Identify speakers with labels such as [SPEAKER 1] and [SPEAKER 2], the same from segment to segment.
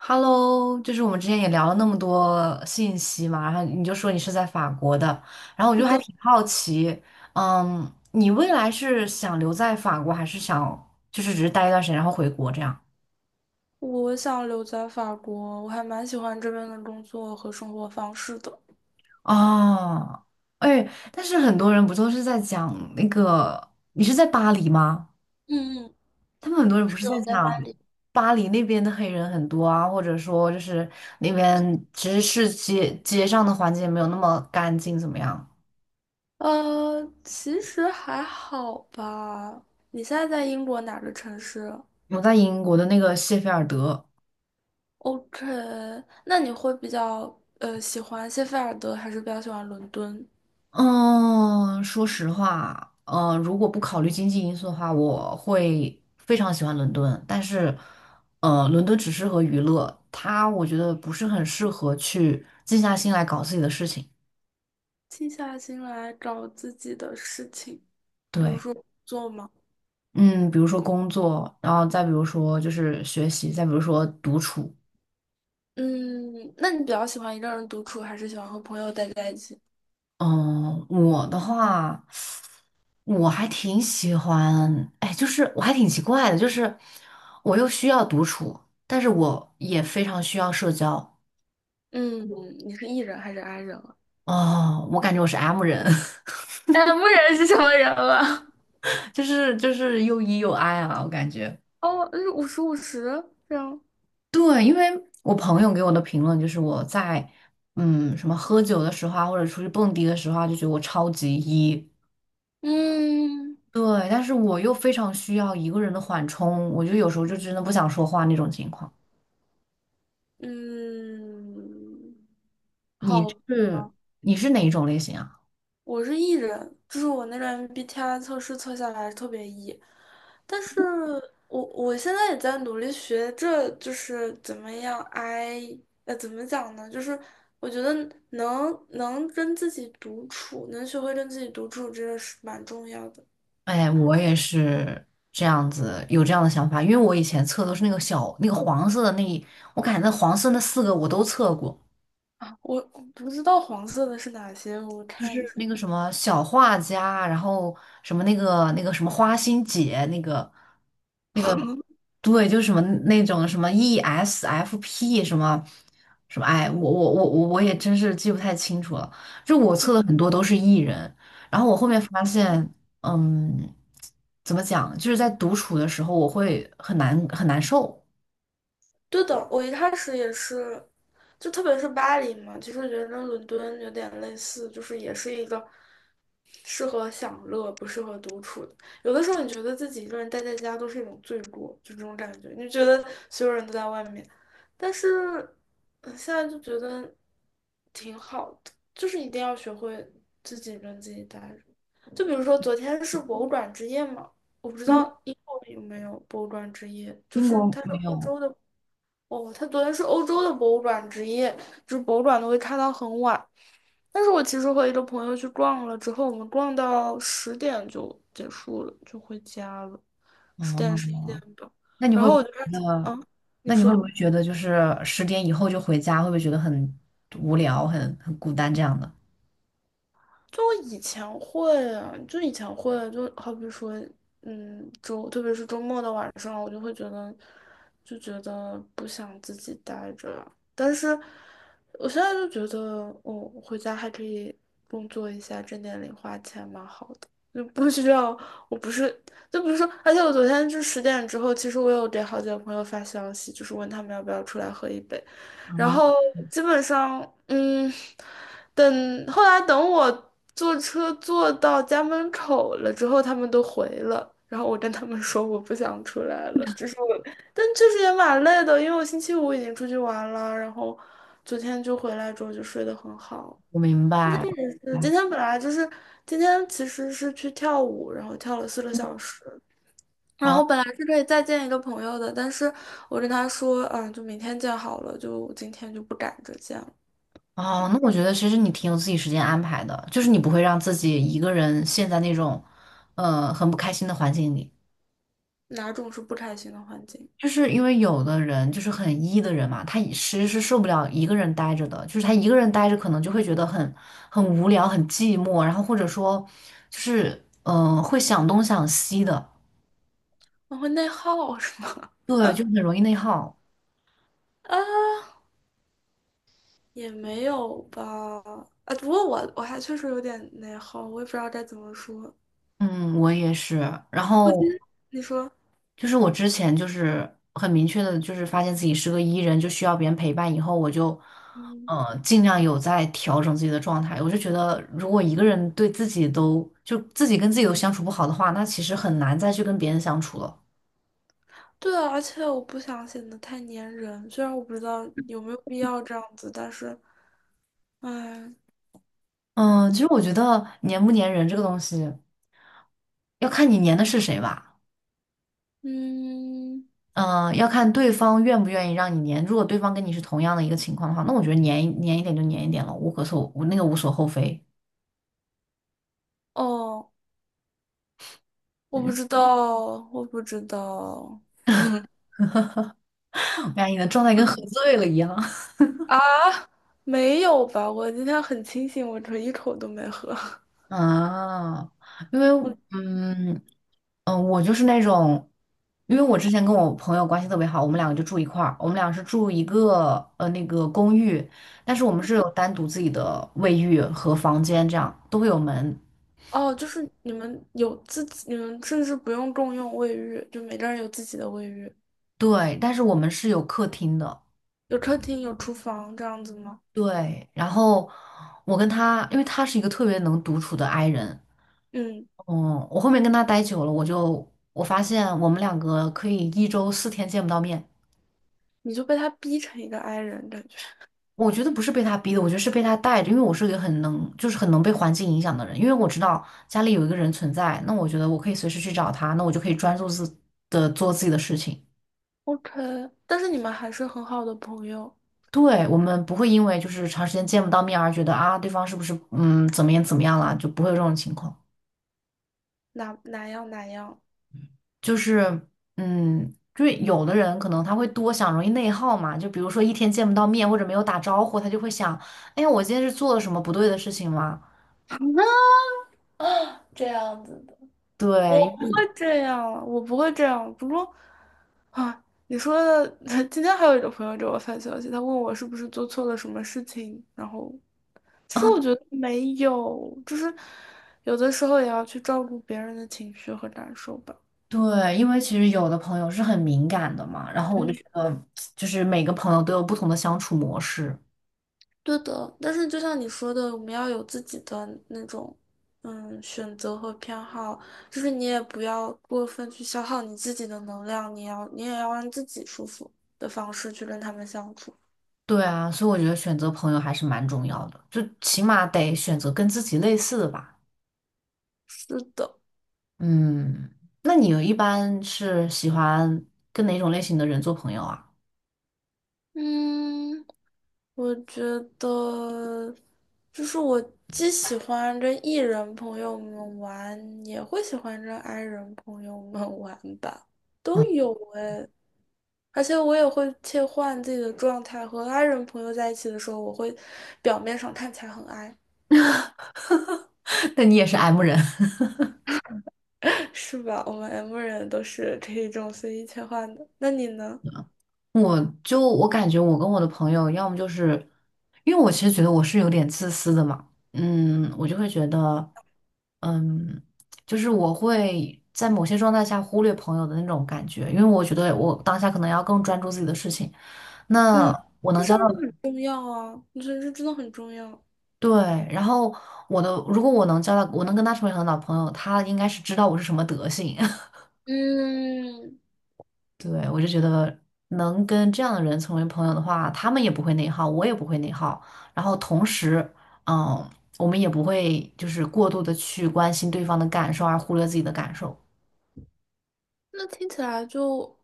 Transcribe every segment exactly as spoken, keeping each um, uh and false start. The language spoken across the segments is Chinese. [SPEAKER 1] Hello，就是我们之前也聊了那么多信息嘛，然后你就说你是在法国的，然后我
[SPEAKER 2] 是
[SPEAKER 1] 就还
[SPEAKER 2] 的，
[SPEAKER 1] 挺好奇，嗯，你未来是想留在法国，还是想就是只是待一段时间然后回国这样？
[SPEAKER 2] 我想留在法国，我还蛮喜欢这边的工作和生活方式的。
[SPEAKER 1] 哦，哎，但是很多人不都是在讲那个，你是在巴黎吗？
[SPEAKER 2] 嗯嗯，
[SPEAKER 1] 他们很多人不
[SPEAKER 2] 是
[SPEAKER 1] 是
[SPEAKER 2] 的，
[SPEAKER 1] 在
[SPEAKER 2] 我在巴
[SPEAKER 1] 讲
[SPEAKER 2] 黎。
[SPEAKER 1] 巴黎那边的黑人很多啊，或者说就是那边其实是街街上的环境没有那么干净，怎么样？
[SPEAKER 2] 呃，其实还好吧。你现在在英国哪个城市
[SPEAKER 1] 我在英国的那个谢菲尔德，
[SPEAKER 2] ？OK，那你会比较呃喜欢谢菲尔德，还是比较喜欢伦敦？
[SPEAKER 1] 嗯，说实话，呃，如果不考虑经济因素的话，我会非常喜欢伦敦。但是，呃，伦敦只适合娱乐，它我觉得不是很适合去静下心来搞自己的事情。
[SPEAKER 2] 静下心来找自己的事情，比如
[SPEAKER 1] 对，
[SPEAKER 2] 说做吗？
[SPEAKER 1] 嗯，比如说工作，然后再比如说就是学习，再比如说独处。
[SPEAKER 2] 嗯，那你比较喜欢一个人独处，还是喜欢和朋友待在一起？
[SPEAKER 1] 嗯，我的话。我还挺喜欢，哎，就是我还挺奇怪的，就是我又需要独处，但是我也非常需要社交。
[SPEAKER 2] 嗯，你是 E 人还是 I 人啊？
[SPEAKER 1] 哦，我感觉我是 M 人，
[SPEAKER 2] 哎，牧人是什么人了？
[SPEAKER 1] 就是就是又 E 又 I 啊，我感觉。
[SPEAKER 2] 哦，是五十五十这样。
[SPEAKER 1] 对，因为我朋友给我的评论就是我在嗯什么喝酒的时候啊，或者出去蹦迪的时候啊，就觉得我超级 E。
[SPEAKER 2] 嗯
[SPEAKER 1] 对，但是我又非常需要一个人的缓冲，我就有时候就真的不想说话那种情况。
[SPEAKER 2] 嗯，
[SPEAKER 1] 你
[SPEAKER 2] 好，
[SPEAKER 1] 是你是哪一种类型啊？
[SPEAKER 2] 我是 E 人，就是我那个 M B T I 测试测下来特别 E，但是我我现在也在努力学着，就是怎么样 I，呃，怎么讲呢？就是我觉得能能跟自己独处，能学会跟自己独处，这个是蛮重要的。
[SPEAKER 1] 哎，我也是这样子，有这样的想法，因为我以前测都是那个小那个黄色的那一我感觉那黄色那四个我都测过，
[SPEAKER 2] 我不知道黄色的是哪些，我
[SPEAKER 1] 就
[SPEAKER 2] 看
[SPEAKER 1] 是
[SPEAKER 2] 一下。
[SPEAKER 1] 那个什么小画家，然后什么那个那个什么花心姐那个。那个对，就是什么那种什么 E S F P 什么什么，哎，我我我我我也真是记不太清楚了。就我测的很多都是 E 人，然后我后面发现，嗯，怎么讲，就是在独处的时候我会很难很难受。
[SPEAKER 2] 对的，我一开始也是，就特别是巴黎嘛，其实觉得跟伦敦有点类似，就是也是一个适合享乐，不适合独处的。有的时候你觉得自己一个人待在家都是一种罪过，就这种感觉，你觉得所有人都在外面，但是嗯现在就觉得挺好的，就是一定要学会自己跟自己待着。就比如说昨天是博物馆之夜嘛，我不知
[SPEAKER 1] 嗯，
[SPEAKER 2] 道英国有没有博物馆之夜，就
[SPEAKER 1] 英
[SPEAKER 2] 是
[SPEAKER 1] 国
[SPEAKER 2] 它是
[SPEAKER 1] 没
[SPEAKER 2] 欧
[SPEAKER 1] 有，
[SPEAKER 2] 洲的。哦，他昨天是欧洲的博物馆之夜，就是博物馆都会开到很晚。但是我其实和一个朋友去逛了之后，我们逛到十点就结束了，就回家了，
[SPEAKER 1] 啊，
[SPEAKER 2] 十点十一点吧。
[SPEAKER 1] 那你
[SPEAKER 2] 然
[SPEAKER 1] 会
[SPEAKER 2] 后
[SPEAKER 1] 不
[SPEAKER 2] 我
[SPEAKER 1] 会
[SPEAKER 2] 就开始，
[SPEAKER 1] 觉得，
[SPEAKER 2] 嗯，你
[SPEAKER 1] 那你会不
[SPEAKER 2] 说，
[SPEAKER 1] 会觉得就是十点以后就回家，会不会觉得很无聊、很很孤单这样的？
[SPEAKER 2] 就我以前会啊，就以前会，就好比说，嗯，周，特别是周末的晚上，我就会觉得，就觉得不想自己待着但是我现在就觉得，哦，回家还可以工作一下，挣点零花钱，蛮好的。就不需要，我不是，就比如说，而且我昨天就十点之后，其实我有给好几个朋友发消息，就是问他们要不要出来喝一杯。然
[SPEAKER 1] 啊，
[SPEAKER 2] 后基本上，嗯，等后来等我坐车坐到家门口了之后，他们都回了。然后我跟他们说我不想出来了，就是我，但确实也蛮累的，因为我星期五已经出去玩了，然后昨天就回来之后就睡得很好。
[SPEAKER 1] 我明白。
[SPEAKER 2] 呃
[SPEAKER 1] 明白
[SPEAKER 2] 今天本来就是今天其实是去跳舞，然后跳了四个小时。然后
[SPEAKER 1] 哦
[SPEAKER 2] 本来是可以再见一个朋友的，但是我跟他说，嗯，就明天见好了，就今天就不赶着见了。
[SPEAKER 1] 哦，那我觉得其实你挺有自己时间安排的，就是你不会让自己一个人陷在那种，呃，很不开心的环境里。
[SPEAKER 2] 哪种是不开心的环境？
[SPEAKER 1] 就是因为有的人就是很 E 的人嘛，他其实是受不了一个人待着的，就是他一个人待着可能就会觉得很很无聊、很寂寞，然后或者说就是嗯、呃会想东想西的，
[SPEAKER 2] 我会内耗是吗？
[SPEAKER 1] 对，就很容易内耗。
[SPEAKER 2] 啊 也没有吧。啊，不过我我还确实有点内耗，我也不知道该怎么说。
[SPEAKER 1] 嗯，我也是。然
[SPEAKER 2] 我今
[SPEAKER 1] 后
[SPEAKER 2] 天你说，
[SPEAKER 1] 就是我之前就是很明确的，就是发现自己是个 E 人，就需要别人陪伴。以后我就，
[SPEAKER 2] 嗯，
[SPEAKER 1] 呃，尽量有在调整自己的状态。我就觉得，如果一个人对自己都就自己跟自己都相处不好的话，那其实很难再去跟别人相处了。
[SPEAKER 2] 对啊，而且我不想显得太粘人，虽然我不知道有没有必要这样子，但是，哎，
[SPEAKER 1] 嗯，其实我觉得粘不粘人这个东西，要看你粘的是谁吧。
[SPEAKER 2] 嗯，
[SPEAKER 1] 嗯，要看对方愿不愿意让你粘。如果对方跟你是同样的一个情况的话，那我觉得粘一粘一点就粘一点了，无可厚，那个无所厚非。
[SPEAKER 2] 哦，我不知 道，我不知道。
[SPEAKER 1] 哎你的状态跟喝醉了一样。
[SPEAKER 2] 啊，没有吧？我今天很清醒，我这一口都没喝。
[SPEAKER 1] 啊，因为
[SPEAKER 2] 我。
[SPEAKER 1] 嗯嗯，呃我就是那种，因为我之前跟我朋友关系特别好，我们两个就住一块儿，我们俩是住一个呃那个公寓，但是我们是有单独自己的卫浴和房间，这样都会有门，
[SPEAKER 2] 哦，就是你们有自己，你们甚至不用共用卫浴，就每个人有自己的卫浴，
[SPEAKER 1] 对，但是我们是有客厅的，
[SPEAKER 2] 有客厅，有厨房这样子吗？
[SPEAKER 1] 对，然后我跟他，因为他是一个特别能独处的 i 人，
[SPEAKER 2] 嗯，
[SPEAKER 1] 嗯，我后面跟他待久了，我就我发现我们两个可以一周四天见不到面。
[SPEAKER 2] 你就被他逼成一个 i 人感觉。
[SPEAKER 1] 我觉得不是被他逼的，我觉得是被他带着，因为我是一个很能，就是很能被环境影响的人，因为我知道家里有一个人存在，那我觉得我可以随时去找他，那我就可以专注自的做自己的事情。
[SPEAKER 2] OK，但是你们还是很好的朋友，
[SPEAKER 1] 对，我们不会因为就是长时间见不到面而觉得啊，对方是不是嗯怎么样怎么样了，就不会有这种情况。
[SPEAKER 2] 哪哪样哪样。
[SPEAKER 1] 就是嗯，就是有的人可能他会多想，容易内耗嘛，就比如说一天见不到面或者没有打招呼，他就会想，哎呀，我今天是做了什么不对的事情吗？
[SPEAKER 2] 这样子的。我
[SPEAKER 1] 对。
[SPEAKER 2] 不会 这样，我不会这样。不过啊，你说的，今天还有一个朋友给我发消息，他问我是不是做错了什么事情，然后其实我觉得没有，就是有的时候也要去照顾别人的情绪和感受吧。
[SPEAKER 1] 对，因为其实有的朋友是很敏感的嘛，然后我就
[SPEAKER 2] 嗯，
[SPEAKER 1] 觉得，就是每个朋友都有不同的相处模式。
[SPEAKER 2] 对的，但是就像你说的，我们要有自己的那种，嗯，选择和偏好，就是你也不要过分去消耗你自己的能量，你要你也要让自己舒服的方式去跟他们相处。
[SPEAKER 1] 对啊，所以我觉得选择朋友还是蛮重要的，就起码得选择跟自己类似的吧。
[SPEAKER 2] 是的，
[SPEAKER 1] 嗯，那你一般是喜欢跟哪种类型的人做朋友啊？
[SPEAKER 2] 嗯。我觉得，就是我既喜欢跟 E 人朋友们玩，也会喜欢跟 I 人朋友们 玩吧，都
[SPEAKER 1] 嗯，
[SPEAKER 2] 有哎。而且我也会切换自己的状态，和 I 人朋友在一起的时候，我会表面上看起来很 I，
[SPEAKER 1] 那你也是 M 人。
[SPEAKER 2] 是吧？我们 M 人都是可以这种随意切换的。那你呢？
[SPEAKER 1] 我就我感觉我跟我的朋友，要么就是，因为我其实觉得我是有点自私的嘛，嗯，我就会觉得。嗯，就是我会在某些状态下忽略朋友的那种感觉，因为我觉得我当下可能要更专注自己的事情。那
[SPEAKER 2] 嗯，
[SPEAKER 1] 我
[SPEAKER 2] 这
[SPEAKER 1] 能
[SPEAKER 2] 事
[SPEAKER 1] 交
[SPEAKER 2] 儿
[SPEAKER 1] 到，
[SPEAKER 2] 很重要啊，我觉得这真的很重要。
[SPEAKER 1] 对，然后我的，如果我能交到，我能跟他成为很好的朋友，他应该是知道我是什么德性。
[SPEAKER 2] 嗯。
[SPEAKER 1] 对，我就觉得能跟这样的人成为朋友的话，他们也不会内耗，我也不会内耗，然后同时，嗯，我们也不会就是过度的去关心对方的感受而忽略自己的感受。
[SPEAKER 2] 那听起来就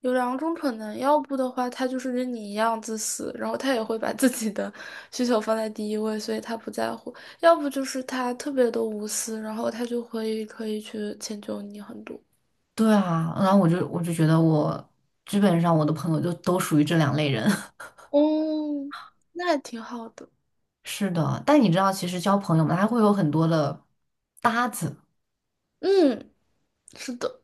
[SPEAKER 2] 有两种可能，要不的话，他就是跟你一样自私，然后他也会把自己的 需求放在第一位，所以他不在乎；要不就是他特别的无私，然后他就会可以去迁就你很多。
[SPEAKER 1] 对啊，然后我就我就觉得我基本上我的朋友就都属于这两类人。
[SPEAKER 2] 哦，那还挺好的。
[SPEAKER 1] 是的，但你知道，其实交朋友嘛，他会有很多的搭子，
[SPEAKER 2] 嗯，是的。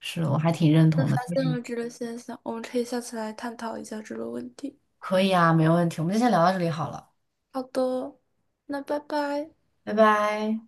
[SPEAKER 1] 是我还挺认
[SPEAKER 2] 那
[SPEAKER 1] 同
[SPEAKER 2] 发
[SPEAKER 1] 的。
[SPEAKER 2] 现了这个现象，我们可以下次来探讨一下这个问题。
[SPEAKER 1] 可以啊，没问题，我们就先聊到这里好了，
[SPEAKER 2] 好的，那拜拜。
[SPEAKER 1] 拜拜。